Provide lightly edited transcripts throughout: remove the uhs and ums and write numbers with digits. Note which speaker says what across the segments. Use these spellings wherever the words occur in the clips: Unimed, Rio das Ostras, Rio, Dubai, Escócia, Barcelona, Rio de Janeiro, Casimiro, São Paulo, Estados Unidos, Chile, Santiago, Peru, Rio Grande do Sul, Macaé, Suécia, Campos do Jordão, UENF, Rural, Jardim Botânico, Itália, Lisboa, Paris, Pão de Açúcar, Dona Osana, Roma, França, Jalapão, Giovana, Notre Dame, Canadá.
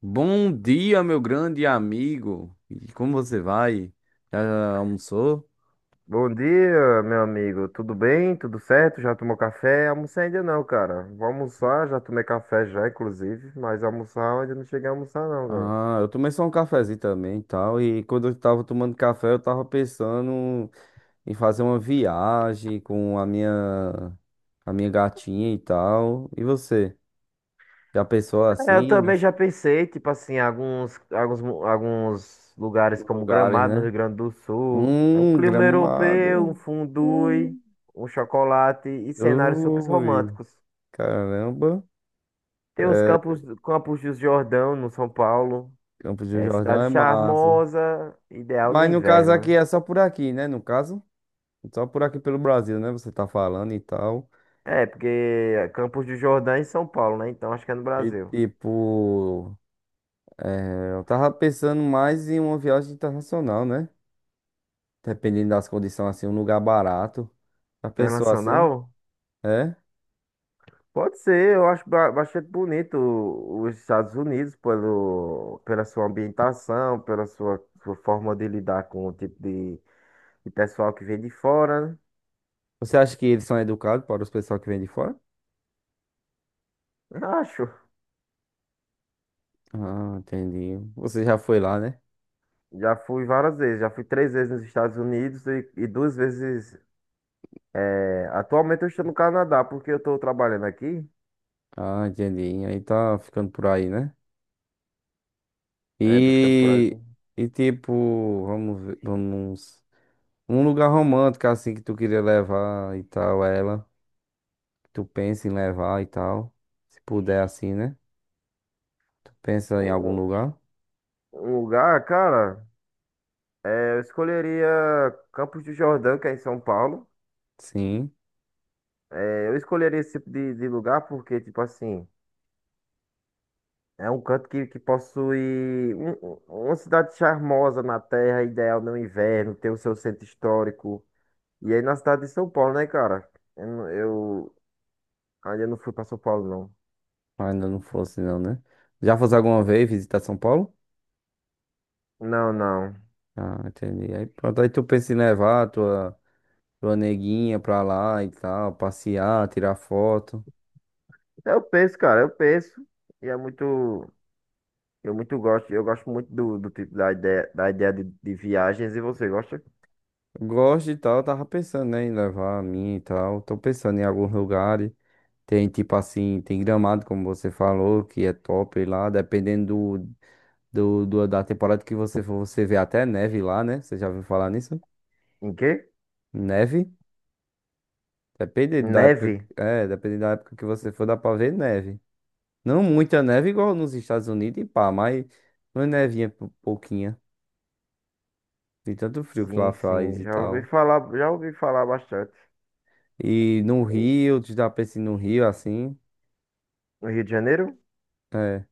Speaker 1: Bom dia, meu grande amigo. E como você vai? Já almoçou?
Speaker 2: Bom dia, meu amigo. Tudo bem? Tudo certo? Já tomou café? Almocei ainda não, cara. Vou almoçar, já tomei café já, inclusive, mas almoçar eu ainda não cheguei a almoçar não, cara.
Speaker 1: Ah, eu tomei só um cafezinho também e tal. E quando eu tava tomando café, eu tava pensando em fazer uma viagem com a minha gatinha e tal. E você? Já pensou
Speaker 2: É, eu
Speaker 1: assim, né?
Speaker 2: também já pensei, tipo assim, alguns lugares
Speaker 1: Nos
Speaker 2: como
Speaker 1: lugares,
Speaker 2: Gramado, no
Speaker 1: né?
Speaker 2: Rio Grande do Sul, é um clima europeu, um
Speaker 1: Gramado.
Speaker 2: fondue,
Speaker 1: Hum.
Speaker 2: um chocolate e cenários super
Speaker 1: Ui,
Speaker 2: românticos.
Speaker 1: caramba.
Speaker 2: Tem Campos do Jordão, no São Paulo.
Speaker 1: Campos do
Speaker 2: É
Speaker 1: Jordão
Speaker 2: cidade
Speaker 1: é massa.
Speaker 2: charmosa, ideal no
Speaker 1: Mas no caso
Speaker 2: inverno,
Speaker 1: aqui
Speaker 2: né?
Speaker 1: é só por aqui, né? No caso. Só por aqui pelo Brasil, né? Você tá falando e tal.
Speaker 2: É, porque Campos do Jordão é em São Paulo, né? Então acho que é no
Speaker 1: E
Speaker 2: Brasil.
Speaker 1: tipo, é, eu tava pensando mais em uma viagem internacional, né? Dependendo das condições, assim, um lugar barato. Já pensou assim?
Speaker 2: Internacional?
Speaker 1: É?
Speaker 2: Pode ser, eu acho bastante bonito os Estados Unidos pela sua ambientação, sua forma de lidar com o de pessoal que vem de fora, né?
Speaker 1: Você acha que eles são educados para os pessoal que vem de fora?
Speaker 2: Eu acho.
Speaker 1: Ah, entendi. Você já foi lá, né?
Speaker 2: Já fui várias vezes, já fui 3 vezes nos Estados Unidos e 2 vezes. Atualmente eu estou no Canadá, porque eu estou trabalhando aqui,
Speaker 1: Ah, entendi. Aí tá ficando por aí, né?
Speaker 2: tô ficando por aqui.
Speaker 1: E, e tipo, vamos ver, vamos. Um lugar romântico, assim, que tu queria levar e tal, ela. Tu pensa em levar e tal. Se puder assim, né? Tu pensa
Speaker 2: Um,
Speaker 1: em algum
Speaker 2: um
Speaker 1: lugar?
Speaker 2: um lugar, cara. É, eu escolheria Campos do Jordão, que é em São Paulo.
Speaker 1: Sim.
Speaker 2: É, eu escolheria esse de lugar porque, tipo assim, é um canto que possui uma cidade charmosa na terra, ideal no inverno, tem o seu centro histórico. E aí na cidade de São Paulo, né, cara? Eu ainda não fui pra São Paulo, não.
Speaker 1: mas Ainda não fosse não, né? Já fosse alguma vez visitar São Paulo?
Speaker 2: Não, não.
Speaker 1: Ah, entendi. Aí pronto, aí tu pensa em levar a tua neguinha pra lá e tal, passear, tirar foto.
Speaker 2: Eu penso, cara, eu penso. E é muito. Eu muito gosto. Eu gosto muito do tipo da ideia de viagens. E você gosta?
Speaker 1: Gosto e tal, tava pensando, né, em levar a minha e tal. Tô pensando em alguns lugares. Tem tipo assim, tem Gramado, como você falou, que é top lá, dependendo da temporada que você for, você vê até neve lá, né? Você já ouviu falar nisso?
Speaker 2: Em quê?
Speaker 1: Neve? Depende da época,
Speaker 2: Neve?
Speaker 1: é, depende da época que você for, dá pra ver neve. Não muita neve igual nos Estados Unidos e pá, mas uma nevinha pouquinha. De tanto frio que lá
Speaker 2: Sim,
Speaker 1: faz
Speaker 2: sim,
Speaker 1: e tal.
Speaker 2: já ouvi falar bastante.
Speaker 1: E no
Speaker 2: E-
Speaker 1: Rio, tu já pensa em ir no Rio assim?
Speaker 2: No Rio de Janeiro?
Speaker 1: É,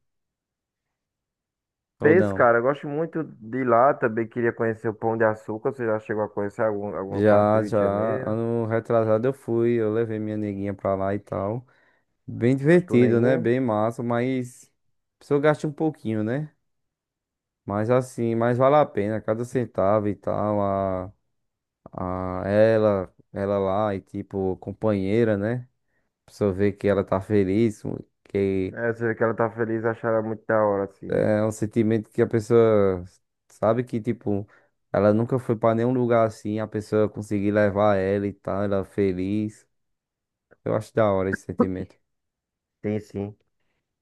Speaker 1: ou
Speaker 2: Peixe,
Speaker 1: não?
Speaker 2: cara, eu gosto muito de lá, também queria conhecer o Pão de Açúcar, você já chegou a conhecer alguma parte do
Speaker 1: Já,
Speaker 2: Rio
Speaker 1: já,
Speaker 2: de Janeiro?
Speaker 1: ano retrasado eu fui, eu levei minha neguinha pra lá e tal. Bem
Speaker 2: A tua
Speaker 1: divertido, né?
Speaker 2: neguinha?
Speaker 1: Bem massa, mas a pessoa gasta um pouquinho, né? Mas assim, mas vale a pena cada centavo e tal, a ela lá e tipo companheira, né? A pessoa vê que ela tá feliz, que
Speaker 2: É, você vê que ela tá feliz, achar ela muito da hora, assim, né?
Speaker 1: é um sentimento que a pessoa sabe que tipo ela nunca foi pra nenhum lugar assim, a pessoa conseguir levar ela e tal, ela feliz. Eu acho da hora esse sentimento.
Speaker 2: Tem sim.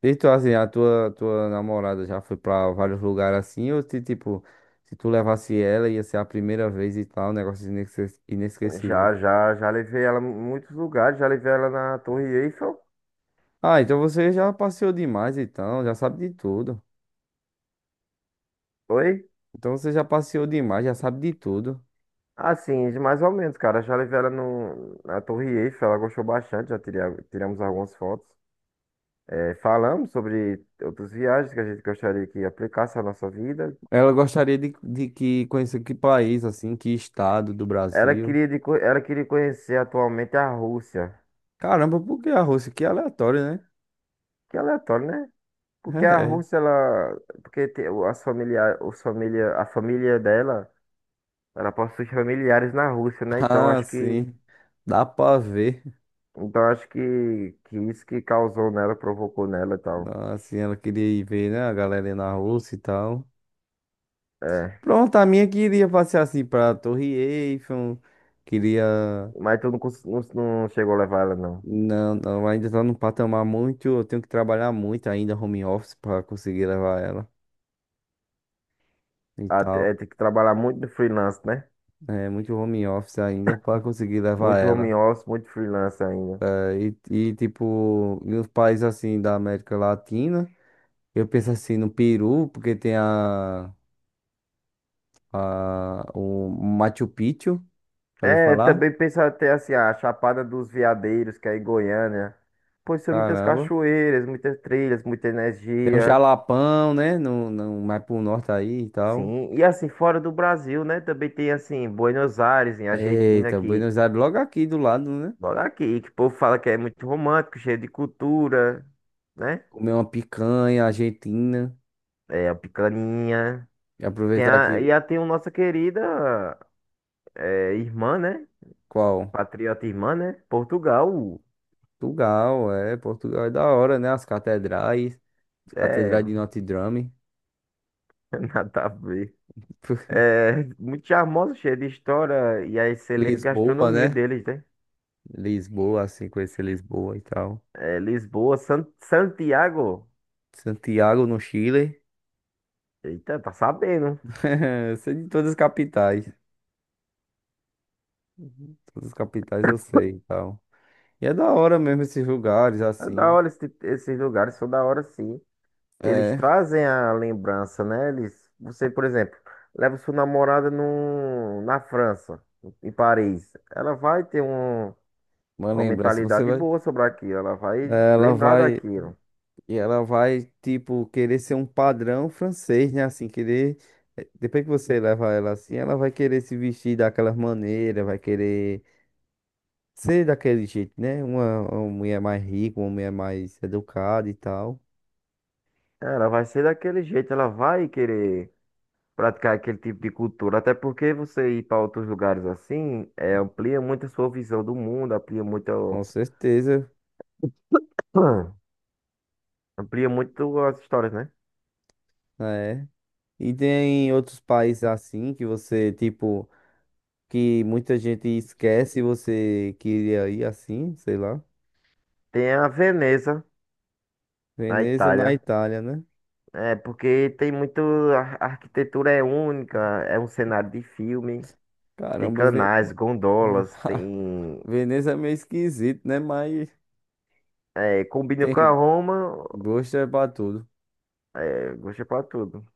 Speaker 1: E tu, assim, a tua, namorada já foi pra vários lugares assim, ou se, tipo, se tu levasse ela, ia ser a primeira vez e tal, um negócio inesquecível.
Speaker 2: Já levei ela em muitos lugares, já levei ela na Torre Eiffel.
Speaker 1: Ah, então você já passeou demais, então, já sabe de tudo.
Speaker 2: Oi?
Speaker 1: Então você já passeou demais, já sabe de tudo.
Speaker 2: Assim, mais ou menos, cara, já levei ela no, na Torre Eiffel, ela gostou bastante, tiramos algumas fotos. É, falamos sobre outras viagens que a gente gostaria que aplicasse à nossa vida.
Speaker 1: Ela gostaria de que conhecer que país, assim, que estado do Brasil.
Speaker 2: Ela queria conhecer atualmente a Rússia.
Speaker 1: Caramba, por que a Rússia? Que aleatório, né?
Speaker 2: Que é aleatório, né? Porque a
Speaker 1: É.
Speaker 2: Rússia, ela. Porque te- o- as familia, os família, a família dela, ela possui familiares na Rússia, né? Então
Speaker 1: Ah,
Speaker 2: acho que.
Speaker 1: sim. Dá pra ver.
Speaker 2: Então acho que isso que causou nela, provocou nela e tal.
Speaker 1: Ah, assim, ela queria ir ver, né, a galera na Rússia e tal.
Speaker 2: É.
Speaker 1: Pronto, a minha queria passear assim pra Torre Eiffel, queria.
Speaker 2: Mas tu não, cons- não, Não chegou a levar ela, não.
Speaker 1: Não, não, ainda tá num patamar muito. Eu tenho que trabalhar muito ainda, home office, pra conseguir levar ela e tal.
Speaker 2: É, tem que trabalhar muito no freelance, né?
Speaker 1: É, muito home office ainda pra conseguir levar
Speaker 2: Muito
Speaker 1: ela.
Speaker 2: home office, muito freelance ainda.
Speaker 1: É, e tipo, nos países assim da América Latina, eu penso assim no Peru, porque tem o Machu Picchu, já ouviu
Speaker 2: É,
Speaker 1: falar?
Speaker 2: também pensar até assim, a Chapada dos Veadeiros, que é em Goiânia. Pois são muitas
Speaker 1: Caramba.
Speaker 2: cachoeiras, muitas trilhas, muita
Speaker 1: Tem um
Speaker 2: energia.
Speaker 1: Jalapão, né? No, mais pro norte aí e tal.
Speaker 2: Sim, e assim, fora do Brasil, né? Também tem assim, Buenos Aires, em Argentina,
Speaker 1: Eita,
Speaker 2: que
Speaker 1: Buenos Aires, logo aqui do lado, né?
Speaker 2: olha aqui, que o povo fala que é muito romântico, cheio de cultura, né?
Speaker 1: Comer uma picanha argentina
Speaker 2: É, a picaninha.
Speaker 1: e aproveitar que.
Speaker 2: Tem a nossa querida irmã, né?
Speaker 1: Qual?
Speaker 2: Patriota irmã, né? Portugal.
Speaker 1: Portugal, é. Portugal é da hora, né? As catedrais. As
Speaker 2: É,
Speaker 1: catedrais de Notre Dame.
Speaker 2: nada a ver. É, muito charmosa, cheia de história e a excelente
Speaker 1: Lisboa,
Speaker 2: gastronomia
Speaker 1: né?
Speaker 2: deles, né?
Speaker 1: Lisboa, assim, conhecer Lisboa e tal.
Speaker 2: É, Lisboa, Santiago.
Speaker 1: Santiago, no Chile.
Speaker 2: Eita, tá sabendo.
Speaker 1: Eu sei de todas as capitais. Todas as capitais eu sei e tal. E é da hora mesmo esses lugares,
Speaker 2: É da
Speaker 1: assim.
Speaker 2: hora esse esses lugares, são da hora sim. Eles
Speaker 1: É,
Speaker 2: trazem a lembrança, né? Eles, você, por exemplo, leva sua namorada no, na França, em Paris. Ela vai ter um,
Speaker 1: uma
Speaker 2: uma
Speaker 1: lembrança. Você
Speaker 2: mentalidade
Speaker 1: vai.
Speaker 2: boa sobre aquilo, ela vai
Speaker 1: É, ela
Speaker 2: lembrar
Speaker 1: vai.
Speaker 2: daquilo.
Speaker 1: E ela vai, tipo, querer ser um padrão francês, né? Assim, querer. Depois que você levar ela assim, ela vai querer se vestir daquela maneira, vai querer ser daquele jeito, né? Uma mulher mais rica, uma mulher mais educada e tal.
Speaker 2: Ela vai ser daquele jeito, ela vai querer. Praticar aquele tipo de cultura. Até porque você ir para outros lugares assim, é, amplia muito a sua visão do mundo, amplia muito,
Speaker 1: Com certeza,
Speaker 2: amplia muito as histórias, né?
Speaker 1: é. E tem outros países assim que você, tipo, que muita gente esquece e você queria ir assim, sei lá.
Speaker 2: Tem a Veneza, na
Speaker 1: Veneza na
Speaker 2: Itália.
Speaker 1: Itália, né?
Speaker 2: É, porque tem muito. A arquitetura é única, é um cenário de filme. Tem
Speaker 1: Caramba,
Speaker 2: canais, gondolas, tem.
Speaker 1: Veneza é meio esquisito, né? Mas
Speaker 2: É, combina com a
Speaker 1: Tem
Speaker 2: Roma,
Speaker 1: gosto é pra tudo.
Speaker 2: é, gostei pra tudo.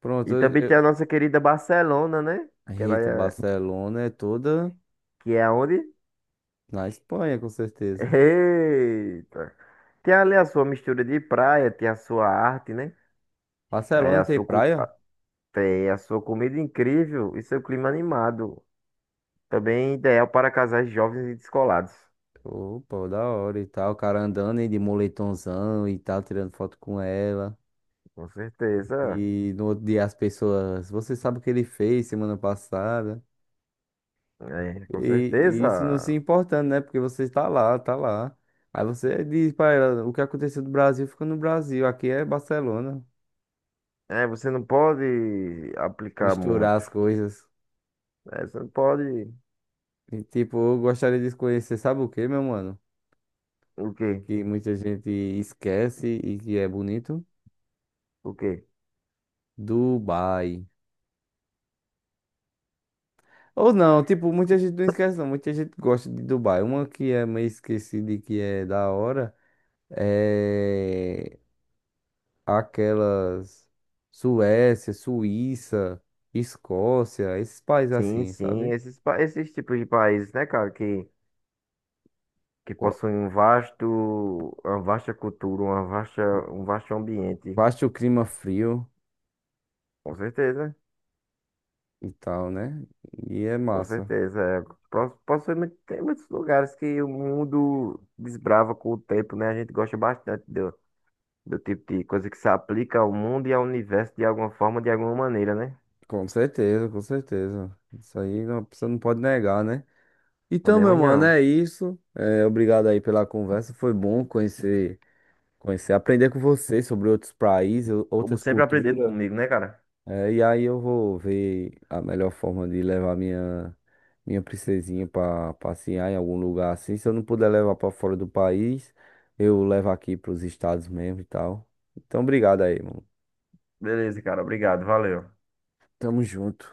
Speaker 1: Pronto,
Speaker 2: E também tem a nossa querida Barcelona, né? Que ela
Speaker 1: Eita,
Speaker 2: é.
Speaker 1: Barcelona é toda
Speaker 2: Que é onde?
Speaker 1: na Espanha, com certeza.
Speaker 2: Eita! Tem ali a sua mistura de praia, tem a sua arte, né? É
Speaker 1: Barcelona
Speaker 2: a
Speaker 1: tem
Speaker 2: sua, co- a-
Speaker 1: praia?
Speaker 2: Tem a sua comida incrível e seu clima animado. Também ideal para casais jovens e descolados.
Speaker 1: Opa, da hora e tal. O cara andando aí de moletomzão e tal, tirando foto com ela.
Speaker 2: Com certeza.
Speaker 1: E no outro dia as pessoas, você sabe o que ele fez semana passada.
Speaker 2: É, com
Speaker 1: E isso não se
Speaker 2: certeza.
Speaker 1: importando, né? Porque você está lá, tá lá. Aí você diz pra ela, o que aconteceu no Brasil fica no Brasil. Aqui é Barcelona.
Speaker 2: É, você não pode aplicar
Speaker 1: Misturar as
Speaker 2: muito.
Speaker 1: coisas.
Speaker 2: É, você não pode.
Speaker 1: E, tipo, eu gostaria de conhecer, sabe o que, meu mano?
Speaker 2: O quê?
Speaker 1: Que muita gente esquece e que é bonito.
Speaker 2: O quê?
Speaker 1: Dubai. Ou não, tipo, muita gente não esquece, não. Muita gente gosta de Dubai. Uma que é meio esquecida e que é da hora é aquelas Suécia, Suíça, Escócia, esses países
Speaker 2: Sim,
Speaker 1: assim,
Speaker 2: sim.
Speaker 1: sabe?
Speaker 2: Esses tipos de países, né, cara, que
Speaker 1: Qua-
Speaker 2: possuem uma vasta cultura, um vasto ambiente.
Speaker 1: Basta o clima frio
Speaker 2: Com certeza,
Speaker 1: e tal, né? E é
Speaker 2: com
Speaker 1: massa.
Speaker 2: certeza. É, possivelmente tem muitos lugares que o mundo desbrava com o tempo, né? A gente gosta bastante do tipo de coisa que se aplica ao mundo e ao universo de alguma forma, de alguma maneira, né?
Speaker 1: Com certeza, com certeza. Isso aí não, você não pode negar, né? Então, meu
Speaker 2: Podemos
Speaker 1: mano,
Speaker 2: não.
Speaker 1: é isso. É, obrigado aí pela conversa. Foi bom conhecer, aprender com você sobre outros países,
Speaker 2: Como
Speaker 1: outras
Speaker 2: sempre aprendendo
Speaker 1: culturas.
Speaker 2: comigo, né, cara?
Speaker 1: É, e aí eu vou ver a melhor forma de levar minha, princesinha para passear em algum lugar assim. Se eu não puder levar para fora do país, eu levo aqui para os estados mesmo e tal. Então, obrigado aí, mano.
Speaker 2: Beleza, cara. Obrigado. Valeu.
Speaker 1: Tamo junto.